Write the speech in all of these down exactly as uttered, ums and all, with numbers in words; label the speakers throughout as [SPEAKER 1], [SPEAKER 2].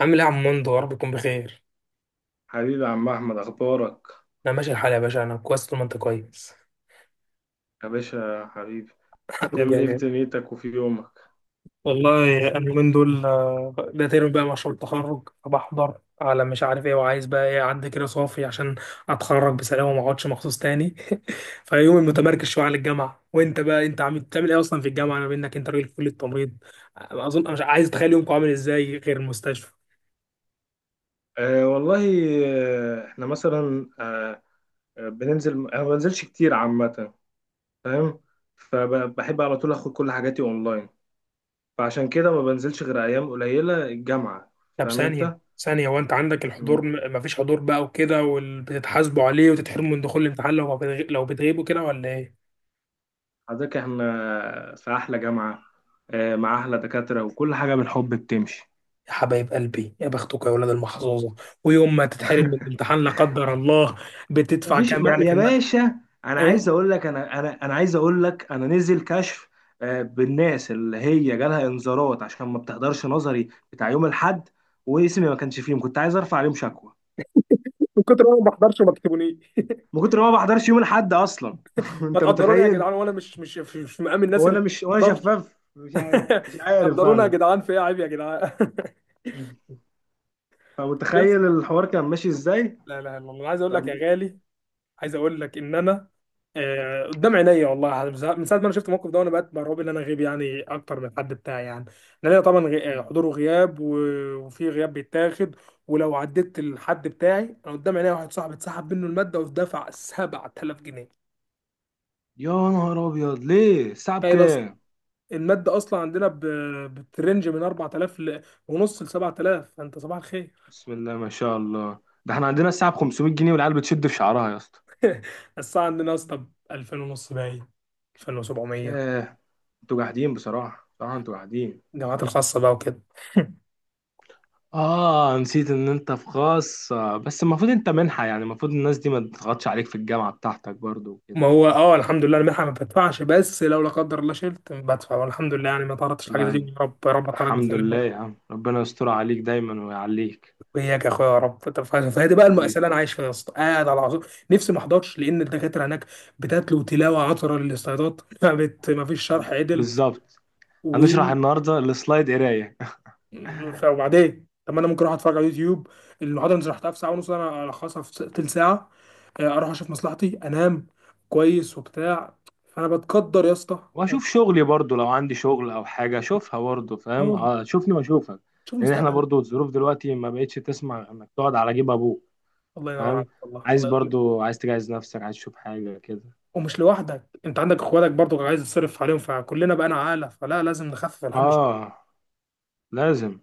[SPEAKER 1] عامل ايه يا عم مندو؟ يا رب يكون بخير.
[SPEAKER 2] حبيبي يا عم احمد، اخبارك؟
[SPEAKER 1] انا ماشي الحال يا باشا، انا كويس طول ما انت كويس.
[SPEAKER 2] يا باشا يا حبيبي.
[SPEAKER 1] حبيبي يا
[SPEAKER 2] تعمل ايه في
[SPEAKER 1] غالي.
[SPEAKER 2] دنيتك وفي يومك؟
[SPEAKER 1] والله انا من دول، آه، ده ترم بقى مشروع التخرج، فبحضر على مش عارف ايه وعايز بقى ايه، عندي كده صافي عشان اتخرج بسلام وما اقعدش مخصوص تاني. فيومي متمركز شويه على الجامعه. وانت بقى، انت عم بتعمل ايه اصلا في الجامعه؟ انا منك، انت راجل في كليه التمريض، اظن مش عايز اتخيل يومك عامل ازاي غير المستشفى.
[SPEAKER 2] أه والله. آه، احنا مثلا أه آه، بننزل. انا ما بنزلش كتير عامه. فاهم. فبحب على طول اخد كل حاجاتي اونلاين. فعشان كده ما بنزلش غير ايام قليله الجامعه.
[SPEAKER 1] طب
[SPEAKER 2] فاهم
[SPEAKER 1] ثانية
[SPEAKER 2] انت.
[SPEAKER 1] ثانية وانت عندك الحضور،
[SPEAKER 2] مم.
[SPEAKER 1] م- مفيش حضور بقى وكده وبتتحاسبوا عليه وتتحرموا من دخول الامتحان لو ما بتغ... لو بتغيبوا كده ولا ايه؟
[SPEAKER 2] حضرتك احنا في احلى جامعه أه مع احلى دكاتره، وكل حاجه بالحب بتمشي.
[SPEAKER 1] يا حبايب قلبي، يا بختكم يا ولاد المحظوظة. ويوم ما تتحرم من الامتحان لا قدر الله، بتدفع
[SPEAKER 2] مفيش
[SPEAKER 1] كام
[SPEAKER 2] ما
[SPEAKER 1] يعني في
[SPEAKER 2] يا
[SPEAKER 1] الم...
[SPEAKER 2] باشا. انا عايز
[SPEAKER 1] ايه؟
[SPEAKER 2] اقول لك انا انا انا عايز اقول لك انا نزل كشف آه، بالناس اللي هي جالها انذارات عشان ما بتحضرش نظري بتاع يوم الاحد. واسمي ما كانش فيهم، كنت عايز ارفع عليهم شكوى.
[SPEAKER 1] من كتر ما انا ما بحضرش ما تكتبوني.
[SPEAKER 2] من كتر ما ما بحضرش يوم الاحد اصلا.
[SPEAKER 1] ما
[SPEAKER 2] انت
[SPEAKER 1] تقدروني يا
[SPEAKER 2] متخيل؟
[SPEAKER 1] جدعان، وانا مش مش مش مش مقام الناس
[SPEAKER 2] هو
[SPEAKER 1] اللي
[SPEAKER 2] انا مش، وانا
[SPEAKER 1] ما بحضرش.
[SPEAKER 2] شفاف، مش عارف مش عارف
[SPEAKER 1] قدرونا يا
[SPEAKER 2] انا.
[SPEAKER 1] جدعان، في ايه، عيب يا جدعان. بس
[SPEAKER 2] فمتخيل الحوار كان ماشي ازاي.
[SPEAKER 1] لا لا لا، انا عايز اقول لك يا
[SPEAKER 2] فبج...
[SPEAKER 1] غالي، عايز اقول لك ان انا، آه، قدام عينيا والله، من ساعة من ساعة ما انا شفت الموقف ده وانا بقيت مرعوب ان انا غيب يعني اكتر من الحد بتاعي يعني. لان أنا طبعا غي- آه، حضور وغياب، و- وفي غياب بيتاخد. ولو عديت الحد بتاعي، انا قدام عينيا واحد صاحبي اتسحب منه المادة ودفع سبع تلاف جنيه،
[SPEAKER 2] يا نهار ابيض، ليه الساعه
[SPEAKER 1] تخيل اصلا.
[SPEAKER 2] بكام؟
[SPEAKER 1] المادة اصلا عندنا ب- بترنج من اربع تلاف ل- ونص ل سبع تلاف، فانت صباح الخير.
[SPEAKER 2] بسم الله ما شاء الله. ده احنا عندنا الساعه ب خمسمية جنيه، والعيال بتشد في شعرها يا اسطى.
[SPEAKER 1] الساعة عندنا يا اسطى ب الفين ونص، باين الفين وسبعمية.
[SPEAKER 2] ياه. انتوا جاحدين، بصراحة بصراحة انتوا جاحدين.
[SPEAKER 1] الجامعات الخاصة بقى وكده.
[SPEAKER 2] اه، نسيت ان انت في خاص. آه، بس المفروض انت منحة، يعني المفروض الناس دي ما تضغطش عليك في الجامعة بتاعتك برضو
[SPEAKER 1] ما
[SPEAKER 2] وكده.
[SPEAKER 1] هو اه الحمد لله انا منحة ما بدفعش، بس لو لا قدر الله شلت بدفع، والحمد لله يعني ما تعرضتش لحاجه زي دي،
[SPEAKER 2] لا.
[SPEAKER 1] يا رب يا رب اتعرض
[SPEAKER 2] الحمد لله يا
[SPEAKER 1] بسلامه.
[SPEAKER 2] عم، ربنا يستر عليك دايما ويعليك.
[SPEAKER 1] وإياك يا اخويا يا رب. طب ف- فهذه بقى المأساة
[SPEAKER 2] حبيبي.
[SPEAKER 1] اللي انا عايش فيها يا اسطى، قاعد على العصور نفسي ما احضرش لان الدكاتره هناك بتتلو تلاوه عطره للاستعداد. ما بت- ما فيش شرح عدل.
[SPEAKER 2] بالظبط.
[SPEAKER 1] و
[SPEAKER 2] هنشرح النهاردة السلايد قراية.
[SPEAKER 1] ف- وبعدين، طب ما انا ممكن اروح اتفرج على يوتيوب؟ المحاضره اللي شرحتها في ساعه ونص انا الخصها في س- تلت ساعه، آه، اروح اشوف مصلحتي انام كويس وبتاع. فانا بتقدر يا اسطى.
[SPEAKER 2] واشوف شغلي برضو لو عندي شغل او حاجة اشوفها برضو. فاهم.
[SPEAKER 1] أه،
[SPEAKER 2] آه، شوفني واشوفك.
[SPEAKER 1] شوف
[SPEAKER 2] لان احنا
[SPEAKER 1] مستقبلك.
[SPEAKER 2] برضو الظروف دلوقتي ما بقتش تسمع انك تقعد على جيب ابوك.
[SPEAKER 1] الله ينور
[SPEAKER 2] فاهم.
[SPEAKER 1] عليك، والله
[SPEAKER 2] عايز
[SPEAKER 1] الله يخليك.
[SPEAKER 2] برضو، عايز تجهز نفسك، عايز تشوف حاجة كده.
[SPEAKER 1] ومش لوحدك، انت عندك اخواتك برضو عايز تصرف عليهم، فكلنا بقى عاله، فلا لازم نخفف الحمل شويه.
[SPEAKER 2] اه. لازم.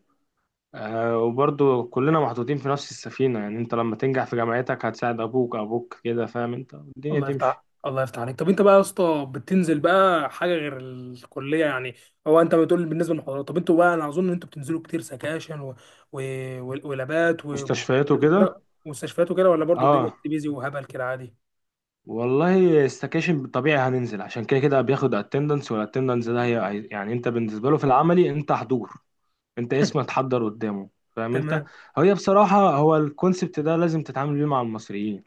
[SPEAKER 2] آه، وبرضو كلنا محطوطين في نفس السفينة، يعني انت لما تنجح في جامعتك هتساعد ابوك. ابوك كده فاهم انت، الدنيا
[SPEAKER 1] الله
[SPEAKER 2] تمشي.
[SPEAKER 1] يفتح الله يفتح عليك. طب انت بقى يا اسطى، بتنزل بقى حاجه غير الكليه يعني؟ هو انت بتقول بالنسبه للمحاضرات، طب انتوا بقى، انا اظن ان انتوا بتنزلوا كتير سكاشن و... و... و... ولابات و...
[SPEAKER 2] مستشفياته كده.
[SPEAKER 1] ومستشفيات وكده، ولا برضو الدنيا
[SPEAKER 2] اه.
[SPEAKER 1] بيزي وهبل كده عادي؟
[SPEAKER 2] والله استكاشن طبيعي هننزل، عشان كده كده بياخد اتندنس، والاتندنس ده هي يعني انت بالنسبة له في العملي انت حضور. انت اسمك اتحضر قدامه، فاهم انت.
[SPEAKER 1] تمام.
[SPEAKER 2] هي بصراحة، هو الكونسبت ده لازم تتعامل بيه مع المصريين.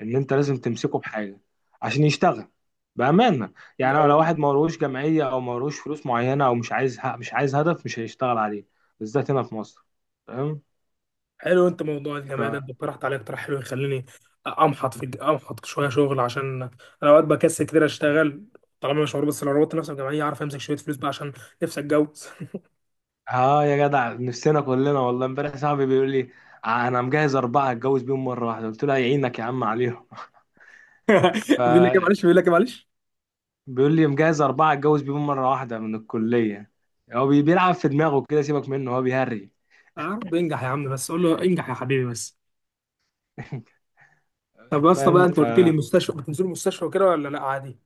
[SPEAKER 2] ان انت لازم تمسكه بحاجه عشان يشتغل بامانه. يعني
[SPEAKER 1] أو
[SPEAKER 2] لو واحد ملوش جمعيه او ملوش فلوس معينه او مش عايز مش عايز هدف، مش هيشتغل عليه. بالذات هنا في مصر. فاهم.
[SPEAKER 1] حلو، انت موضوع
[SPEAKER 2] ف
[SPEAKER 1] الجامعه ده، انت اقترحت عليا اقتراح حلو يخليني امحط في امحط شويه شغل، عشان انا اوقات بكسل كتير اشتغل طالما مش مربوط، بس لو ربطت نفسي بجمعيه اعرف امسك شويه فلوس بقى عشان نفسي اتجوز.
[SPEAKER 2] اه يا جدع، نفسنا كلنا. والله امبارح صاحبي بيقول لي انا مجهز اربعه اتجوز بيهم مره واحده. قلت له يعينك يا عم عليهم. ف
[SPEAKER 1] بيقول لك إيه معلش، بيقول لك إيه معلش.
[SPEAKER 2] بيقول لي مجهز اربعه اتجوز بيهم مره واحده من الكليه. هو بي- بيلعب في دماغه كده، سيبك منه هو بيهري.
[SPEAKER 1] عرض انجح يا عم، بس قول له انجح يا حبيبي بس. طب يا اسطى بقى،
[SPEAKER 2] فاهم.
[SPEAKER 1] انت قلت لي مستشفى، بتنزلوا مستشفى وكده ولا لا عادي؟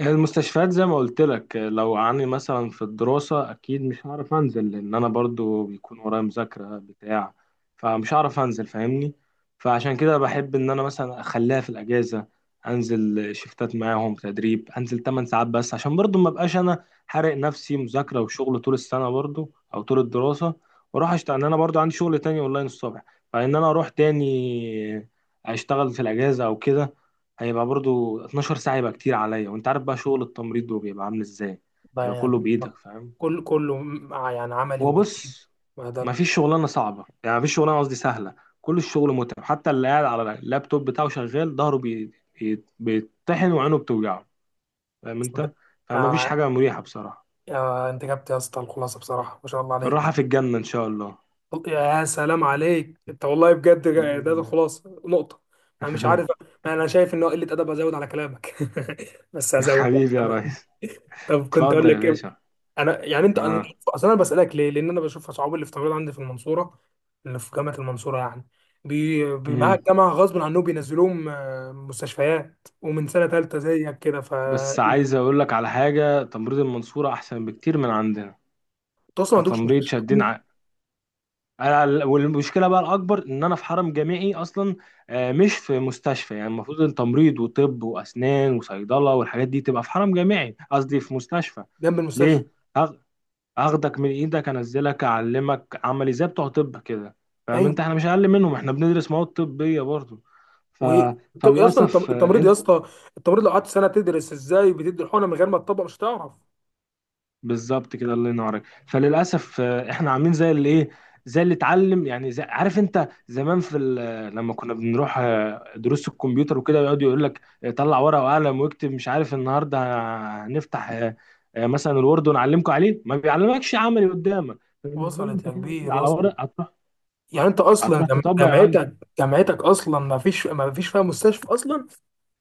[SPEAKER 2] هي المستشفيات زي ما قلت لك، لو عني مثلا في الدراسة أكيد مش هعرف أنزل لأن أنا برضو بيكون ورايا مذاكرة بتاع. فمش هعرف أنزل، فاهمني؟ فعشان كده بحب إن أنا مثلا أخليها في الأجازة. أنزل شفتات معاهم تدريب، أنزل 8 ساعات بس عشان برضو ما أبقاش أنا حارق نفسي مذاكرة وشغل طول السنة برضو أو طول الدراسة. وأروح أشتغل لأن أنا برضو عندي شغل تاني أونلاين الصبح. فإن أنا أروح تاني أشتغل في الأجازة أو كده، هيبقى برضو 12 ساعة، يبقى كتير عليا. وانت عارف بقى شغل التمريض ده بيبقى عامل ازاي،
[SPEAKER 1] بقى
[SPEAKER 2] يبقى كله
[SPEAKER 1] يعني
[SPEAKER 2] بإيدك، فاهم.
[SPEAKER 1] كل كله مع يعني عملي
[SPEAKER 2] هو
[SPEAKER 1] وبالايد،
[SPEAKER 2] بص،
[SPEAKER 1] ما ده لا.
[SPEAKER 2] مفيش شغلانة صعبة، يعني مفيش شغلانة، قصدي سهلة. كل الشغل متعب، حتى اللي قاعد على اللابتوب بتاعه شغال ظهره بي... بي- بيتطحن وعينه بتوجعه، فاهم انت. فمفيش
[SPEAKER 1] آه،
[SPEAKER 2] حاجة مريحة بصراحة.
[SPEAKER 1] آه انت جبت يا اسطى الخلاصه بصراحه ما شاء الله عليك.
[SPEAKER 2] الراحة في الجنة ان شاء الله.
[SPEAKER 1] يا سلام عليك، انت والله بجد جا- ده
[SPEAKER 2] بإذن
[SPEAKER 1] الخلاصه نقطه. انا مش
[SPEAKER 2] الله.
[SPEAKER 1] عارف، ما انا شايف ان هو قله ادب ازود على كلامك، بس هزود يعني،
[SPEAKER 2] حبيبي يا
[SPEAKER 1] تمام.
[SPEAKER 2] ريس.
[SPEAKER 1] طب كنت اقول
[SPEAKER 2] اتفضل يا
[SPEAKER 1] لك ايه؟
[SPEAKER 2] باشا.
[SPEAKER 1] انا يعني، انت انا
[SPEAKER 2] اه.
[SPEAKER 1] اصل انا بسالك ليه، لان انا بشوف اصحابي اللي في تمريض عندي في المنصوره، اللي في جامعه المنصوره يعني، بي... بي- معاها
[SPEAKER 2] مم.
[SPEAKER 1] الجامعه غصب عنهم بينزلوهم آه، مستشفيات ومن سنه ثالثه زيك كده. ف
[SPEAKER 2] بس عايز اقول لك على حاجة، تمريض المنصورة احسن بكتير من عندنا.
[SPEAKER 1] انت اصلا ما عندكش
[SPEAKER 2] كتمريض
[SPEAKER 1] مستشفى
[SPEAKER 2] شادين
[SPEAKER 1] حكومي
[SPEAKER 2] ع... أنا- والمشكله بقى الاكبر ان انا في حرم جامعي اصلا، آه، مش في مستشفى. يعني المفروض ان تمريض وطب واسنان وصيدله والحاجات دي تبقى في حرم جامعي، قصدي في مستشفى.
[SPEAKER 1] جنب المستشفى؟
[SPEAKER 2] ليه؟ هاخ- هاخدك من ايدك انزلك اعلمك عملي زي بتوع طب كده. فاهم انت،
[SPEAKER 1] أيوه.
[SPEAKER 2] احنا مش اقل منهم، احنا بندرس مواد طبيه برضه. ف...
[SPEAKER 1] و طب اصلا التم-
[SPEAKER 2] فللاسف آه،
[SPEAKER 1] التمريض يا اسطى، التمريض لو قعدت سنه تدرس ازاي بتدي الحقنه من غير ما تطبق مش هتعرف.
[SPEAKER 2] بالظبط كده، الله ينورك. فللاسف آه، احنا عاملين زي اللي ايه، زي اللي اتعلم يعني. زي عارف انت زمان في ال- لما كنا بنروح آه، دروس الكمبيوتر وكده، يقعد يقول لك آه، طلع ورقه وقلم واكتب، مش عارف النهارده هنفتح آه، آه، مثلا الوورد ونعلمكم عليه، ما بيعلمكش عملي قدامك. فبالنسبه له
[SPEAKER 1] وصلت
[SPEAKER 2] انت
[SPEAKER 1] يا
[SPEAKER 2] كده واخد
[SPEAKER 1] كبير
[SPEAKER 2] على
[SPEAKER 1] وصلت.
[SPEAKER 2] ورق. هتروح،
[SPEAKER 1] يعني انت اصلا
[SPEAKER 2] هتروح
[SPEAKER 1] جم-
[SPEAKER 2] تطبق يا معلم.
[SPEAKER 1] جامعتك، جامعتك اصلا ما فيش ما فيش فيها مستشفى اصلا؟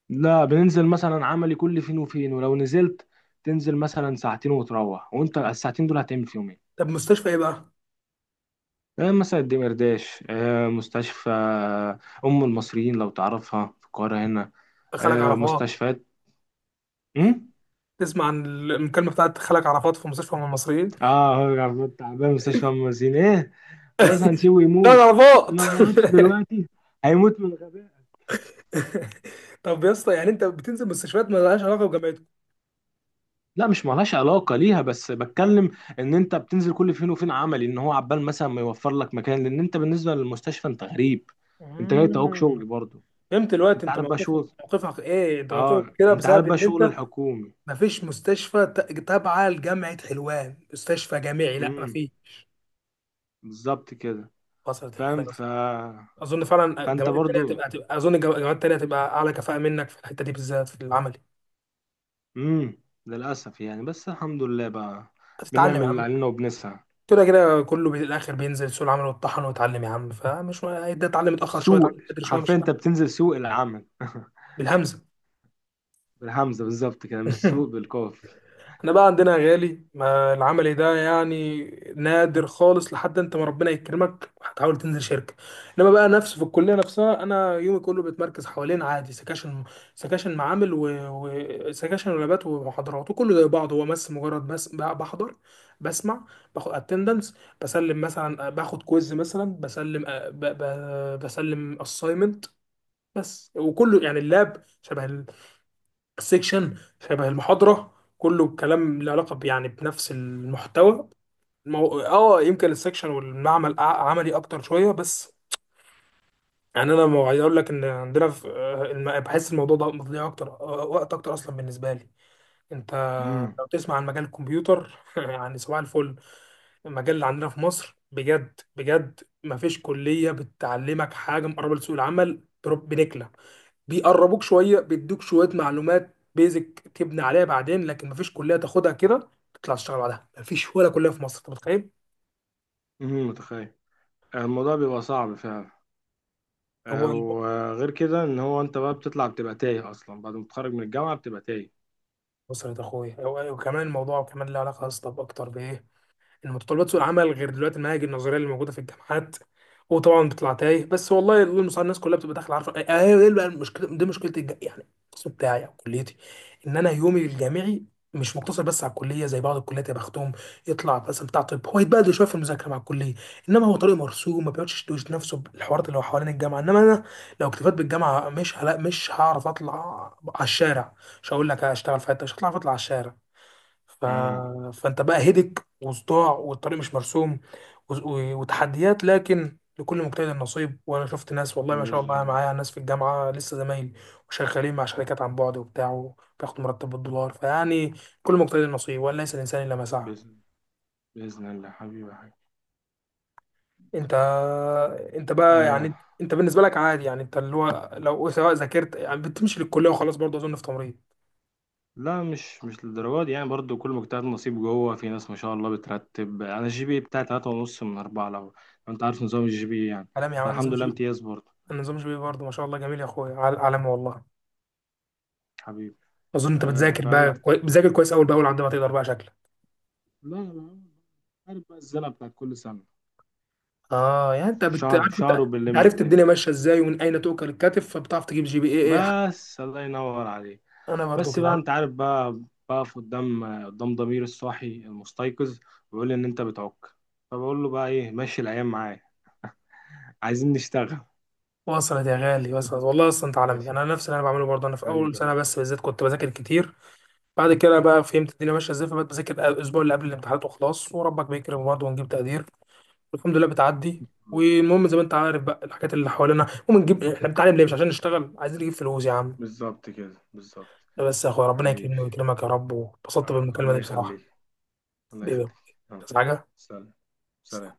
[SPEAKER 2] لا، بننزل مثلا عملي كل فين وفين، ولو نزلت تنزل مثلا ساعتين وتروح، وانت الساعتين دول هتعمل فيهم ايه؟
[SPEAKER 1] طب مستشفى ايه بقى؟
[SPEAKER 2] آه، مثلا الدمرداش، آه، مستشفى آه، أم المصريين لو تعرفها في القاهرة هنا.
[SPEAKER 1] خلك
[SPEAKER 2] آه،
[SPEAKER 1] عرفات.
[SPEAKER 2] مستشفيات أم؟
[SPEAKER 1] تسمع عن المكالمه بتاعت خلك عرفات في مستشفى من المصريين؟
[SPEAKER 2] اه، هو عبود تعبان مستشفى أم المصريين ايه، خلاص هنسيبه
[SPEAKER 1] خلك
[SPEAKER 2] يموت.
[SPEAKER 1] عرفات.
[SPEAKER 2] لو ما ماتش دلوقتي هيموت من الغباء.
[SPEAKER 1] طب يا اسطى يعني انت بتنزل مستشفيات ما لهاش علاقه بجامعتك؟
[SPEAKER 2] لا، مش مالهاش علاقة ليها، بس بتكلم ان انت بتنزل كل فين وفين عملي، ان هو عبال مثلا ما يوفر لك مكان لان انت بالنسبة للمستشفى انت غريب. انت جاي تعوق
[SPEAKER 1] مم.
[SPEAKER 2] شغل برضه.
[SPEAKER 1] فهمت دلوقتي،
[SPEAKER 2] انت
[SPEAKER 1] انت
[SPEAKER 2] عارف بقى
[SPEAKER 1] موقفك،
[SPEAKER 2] شغل،
[SPEAKER 1] موقفك ايه، انت موقفك
[SPEAKER 2] اه
[SPEAKER 1] كده
[SPEAKER 2] انت عارف
[SPEAKER 1] بسبب
[SPEAKER 2] بقى
[SPEAKER 1] ان
[SPEAKER 2] شغل
[SPEAKER 1] انت
[SPEAKER 2] الحكومي.
[SPEAKER 1] مفيش مستشفى ت- تابعة لجامعة حلوان، مستشفى جامعي، لا
[SPEAKER 2] امم.
[SPEAKER 1] مفيش.
[SPEAKER 2] بالظبط كده.
[SPEAKER 1] وصلت الخير
[SPEAKER 2] فاهم.
[SPEAKER 1] يا
[SPEAKER 2] ف...
[SPEAKER 1] أصلاً. أظن فعلا
[SPEAKER 2] فانت
[SPEAKER 1] الجامعات التانية
[SPEAKER 2] برضو.
[SPEAKER 1] هتبقى، هتبقى، أظن الجامع- الجامعات التانية هتبقى أعلى كفاءة منك في الحتة دي بالذات في العملي.
[SPEAKER 2] امم. للاسف يعني، بس الحمد لله بقى
[SPEAKER 1] هتتعلم
[SPEAKER 2] بنعمل
[SPEAKER 1] يا
[SPEAKER 2] اللي
[SPEAKER 1] عم،
[SPEAKER 2] علينا وبنسعى.
[SPEAKER 1] كده كده كله بي- الآخر بينزل سوق العمل ويتطحن ويتعلم يا عم، فمش ده، اتعلم متأخر شوية،
[SPEAKER 2] سوق
[SPEAKER 1] اتعلم بدري شوية، مش
[SPEAKER 2] حرفيا انت
[SPEAKER 1] فارقة.
[SPEAKER 2] بتنزل سوق العمل.
[SPEAKER 1] بالهمزة.
[SPEAKER 2] بالهمزه، بالظبط كده، مش سوق بالقاف.
[SPEAKER 1] احنا بقى عندنا يا غالي ما العملي ده يعني نادر خالص، لحد انت ما ربنا يكرمك هتحاول تنزل شركه. انما بقى نفسه في الكليه نفسها، انا يومي كله بيتمركز حوالين عادي سكاشن، سكاشن معامل وسكاشن ولابات ومحاضرات، وكله زي بعض، هو بس مجرد بس ب- بحضر، بسمع، باخد اتندنس، بسلم مثلا، باخد كويز مثلا، بسلم، آه، ب- ب- بسلم اساينمنت بس. وكله يعني اللاب شبه سيكشن، شبه المحاضرة، كله كلام له علاقة ب- يعني بنفس المحتوى. مو... اه يمكن السيكشن والمعمل أع- عملي اكتر شوية بس يعني. انا ما عايز اقول لك ان عندنا في آه، الم- بحس الموضوع ده مضيع اكتر، آه، وقت اكتر اصلا بالنسبة لي انت.
[SPEAKER 2] امم.
[SPEAKER 1] لو تسمع عن مجال الكمبيوتر يعني صباح الفل. المجال اللي عندنا في مصر بجد بجد ما فيش كلية بتعلمك حاجة مقربة لسوق العمل بنكلة، بيقربوك شويه، بيدوك شويه معلومات بيزك تبني عليها بعدين، لكن مفيش كليه تاخدها كده تطلع تشتغل بعدها، مفيش ولا كليه في مصر، انت متخيل؟
[SPEAKER 2] امم، متخيل. الموضوع بيبقى صعب فعلا. آه،
[SPEAKER 1] هو الب-
[SPEAKER 2] وغير كده ان هو انت بقى بتطلع بتبقى تايه اصلا، بعد ما تتخرج من الجامعه بتبقى تايه.
[SPEAKER 1] بص يا اخويا، هو- وكمان الموضوع كمان له علاقه اصلا اكتر بايه، ان متطلبات سوق العمل غير دلوقتي المناهج النظريه اللي موجوده في الجامعات. وطبعا بتطلع تايه بس، والله الله المستعان، الناس كلها بتبقى داخله عارفه ايه، إيه بقى المشكله دي؟ مشكله الج- يعني القسم بتاعي او كليتي، ان انا يومي الجامعي مش مقتصر بس على الكليه زي بعض الكليات يا بختهم، يطلع مثلا بتاع طب هو يتبهدل شويه في المذاكره مع الكليه، انما هو طريق مرسوم، ما بيقعدش يشتوش نفسه بالحوارات اللي هو حوالين الجامعه، انما انا لو اكتفيت بالجامعه، مش هلا مش هعرف اطلع على الشارع، مش هقول لك هشتغل في حته، مش هطلع اطلع على الشارع. ف...
[SPEAKER 2] امم.
[SPEAKER 1] فانت بقى هدك وصداع والطريق مش مرسوم و... و... وتحديات، لكن لكل مجتهد نصيب. وانا شفت ناس والله ما شاء
[SPEAKER 2] باذن
[SPEAKER 1] الله، أنا
[SPEAKER 2] الله.
[SPEAKER 1] معايا ناس في الجامعه لسه زمايلي وشغالين مع شركات عن بعد وبتاع وبياخدوا مرتب بالدولار، فيعني كل مجتهد نصيب، وليس الانسان الا ما سعى.
[SPEAKER 2] باذن باذن الله، حبيبي يا حبيبي.
[SPEAKER 1] انت انت بقى
[SPEAKER 2] آه،
[SPEAKER 1] يعني، انت بالنسبه لك عادي يعني، انت اللي هو لو سواء ذاكرت يعني بتمشي للكليه وخلاص برضه اظن في تمريض؟
[SPEAKER 2] لا، مش مش للدرجة دي يعني. برضو كل مجتهد نصيب، جوه في ناس ما شاء الله بترتب. انا الجي بي بتاعي تلاتة ونص من أربعة، لو لو انت عارف نظام الجي بي يعني.
[SPEAKER 1] عالمي يا عم، نظام
[SPEAKER 2] فالحمد لله
[SPEAKER 1] جي،
[SPEAKER 2] امتياز برضو.
[SPEAKER 1] نظام جي برضه ما شاء الله جميل يا اخويا، عال- عالمي والله.
[SPEAKER 2] حبيبي.
[SPEAKER 1] اظن انت
[SPEAKER 2] آه،
[SPEAKER 1] بتذاكر
[SPEAKER 2] فاهم.
[SPEAKER 1] بقى كوي... بتذاكر كويس اول باول عندما تقدر بقى شكلك.
[SPEAKER 2] لا، لا، عارف بقى الزنقة بتاعت كل سنة،
[SPEAKER 1] اه يعني انت بت...
[SPEAKER 2] شهر
[SPEAKER 1] عارف انت،
[SPEAKER 2] شهر
[SPEAKER 1] انت
[SPEAKER 2] وبنلم
[SPEAKER 1] عرفت
[SPEAKER 2] الدنيا.
[SPEAKER 1] الدنيا ماشيه ازاي ومن اين تؤكل الكتف، فبتعرف تجيب جي بي اي ايه حق.
[SPEAKER 2] بس الله ينور عليك.
[SPEAKER 1] انا برضو
[SPEAKER 2] بس بقى
[SPEAKER 1] كده.
[SPEAKER 2] انت عارف بقى، بقف قدام قدام ضمير الصاحي المستيقظ، ويقول لي ان انت بتعك، فبقول له بقى ايه، ماشي الايام معايا، عايزين نشتغل.
[SPEAKER 1] وصلت يا غالي وصلت، والله اصلا انت عالمي،
[SPEAKER 2] ماشي.
[SPEAKER 1] انا نفس اللي انا بعمله برضه، انا في اول
[SPEAKER 2] حبيبي
[SPEAKER 1] سنه
[SPEAKER 2] حبيبي.
[SPEAKER 1] بس بالذات كنت بذاكر كتير، بعد كده بقى فهمت الدنيا ماشيه ازاي، فبقيت بذاكر الاسبوع اللي قبل الامتحانات وخلاص، وربك بيكرم برضه ونجيب تقدير، والحمد لله بتعدي. والمهم زي ما انت عارف بقى، الحاجات اللي حوالينا، المهم نجيب، احنا بنتعلم ليه؟ مش عشان نشتغل؟ عايزين نجيب فلوس يا عم.
[SPEAKER 2] بالظبط كده، بالظبط.
[SPEAKER 1] لا بس يا اخويا، ربنا
[SPEAKER 2] حبيبي.
[SPEAKER 1] يكرمني ويكرمك يا رب، واتبسطت
[SPEAKER 2] آه،
[SPEAKER 1] بالمكالمة
[SPEAKER 2] الله
[SPEAKER 1] دي بصراحة.
[SPEAKER 2] يخليك، الله
[SPEAKER 1] حبيبي.
[SPEAKER 2] يخليك. يلا.
[SPEAKER 1] بس حاجة.
[SPEAKER 2] سلام. سلام.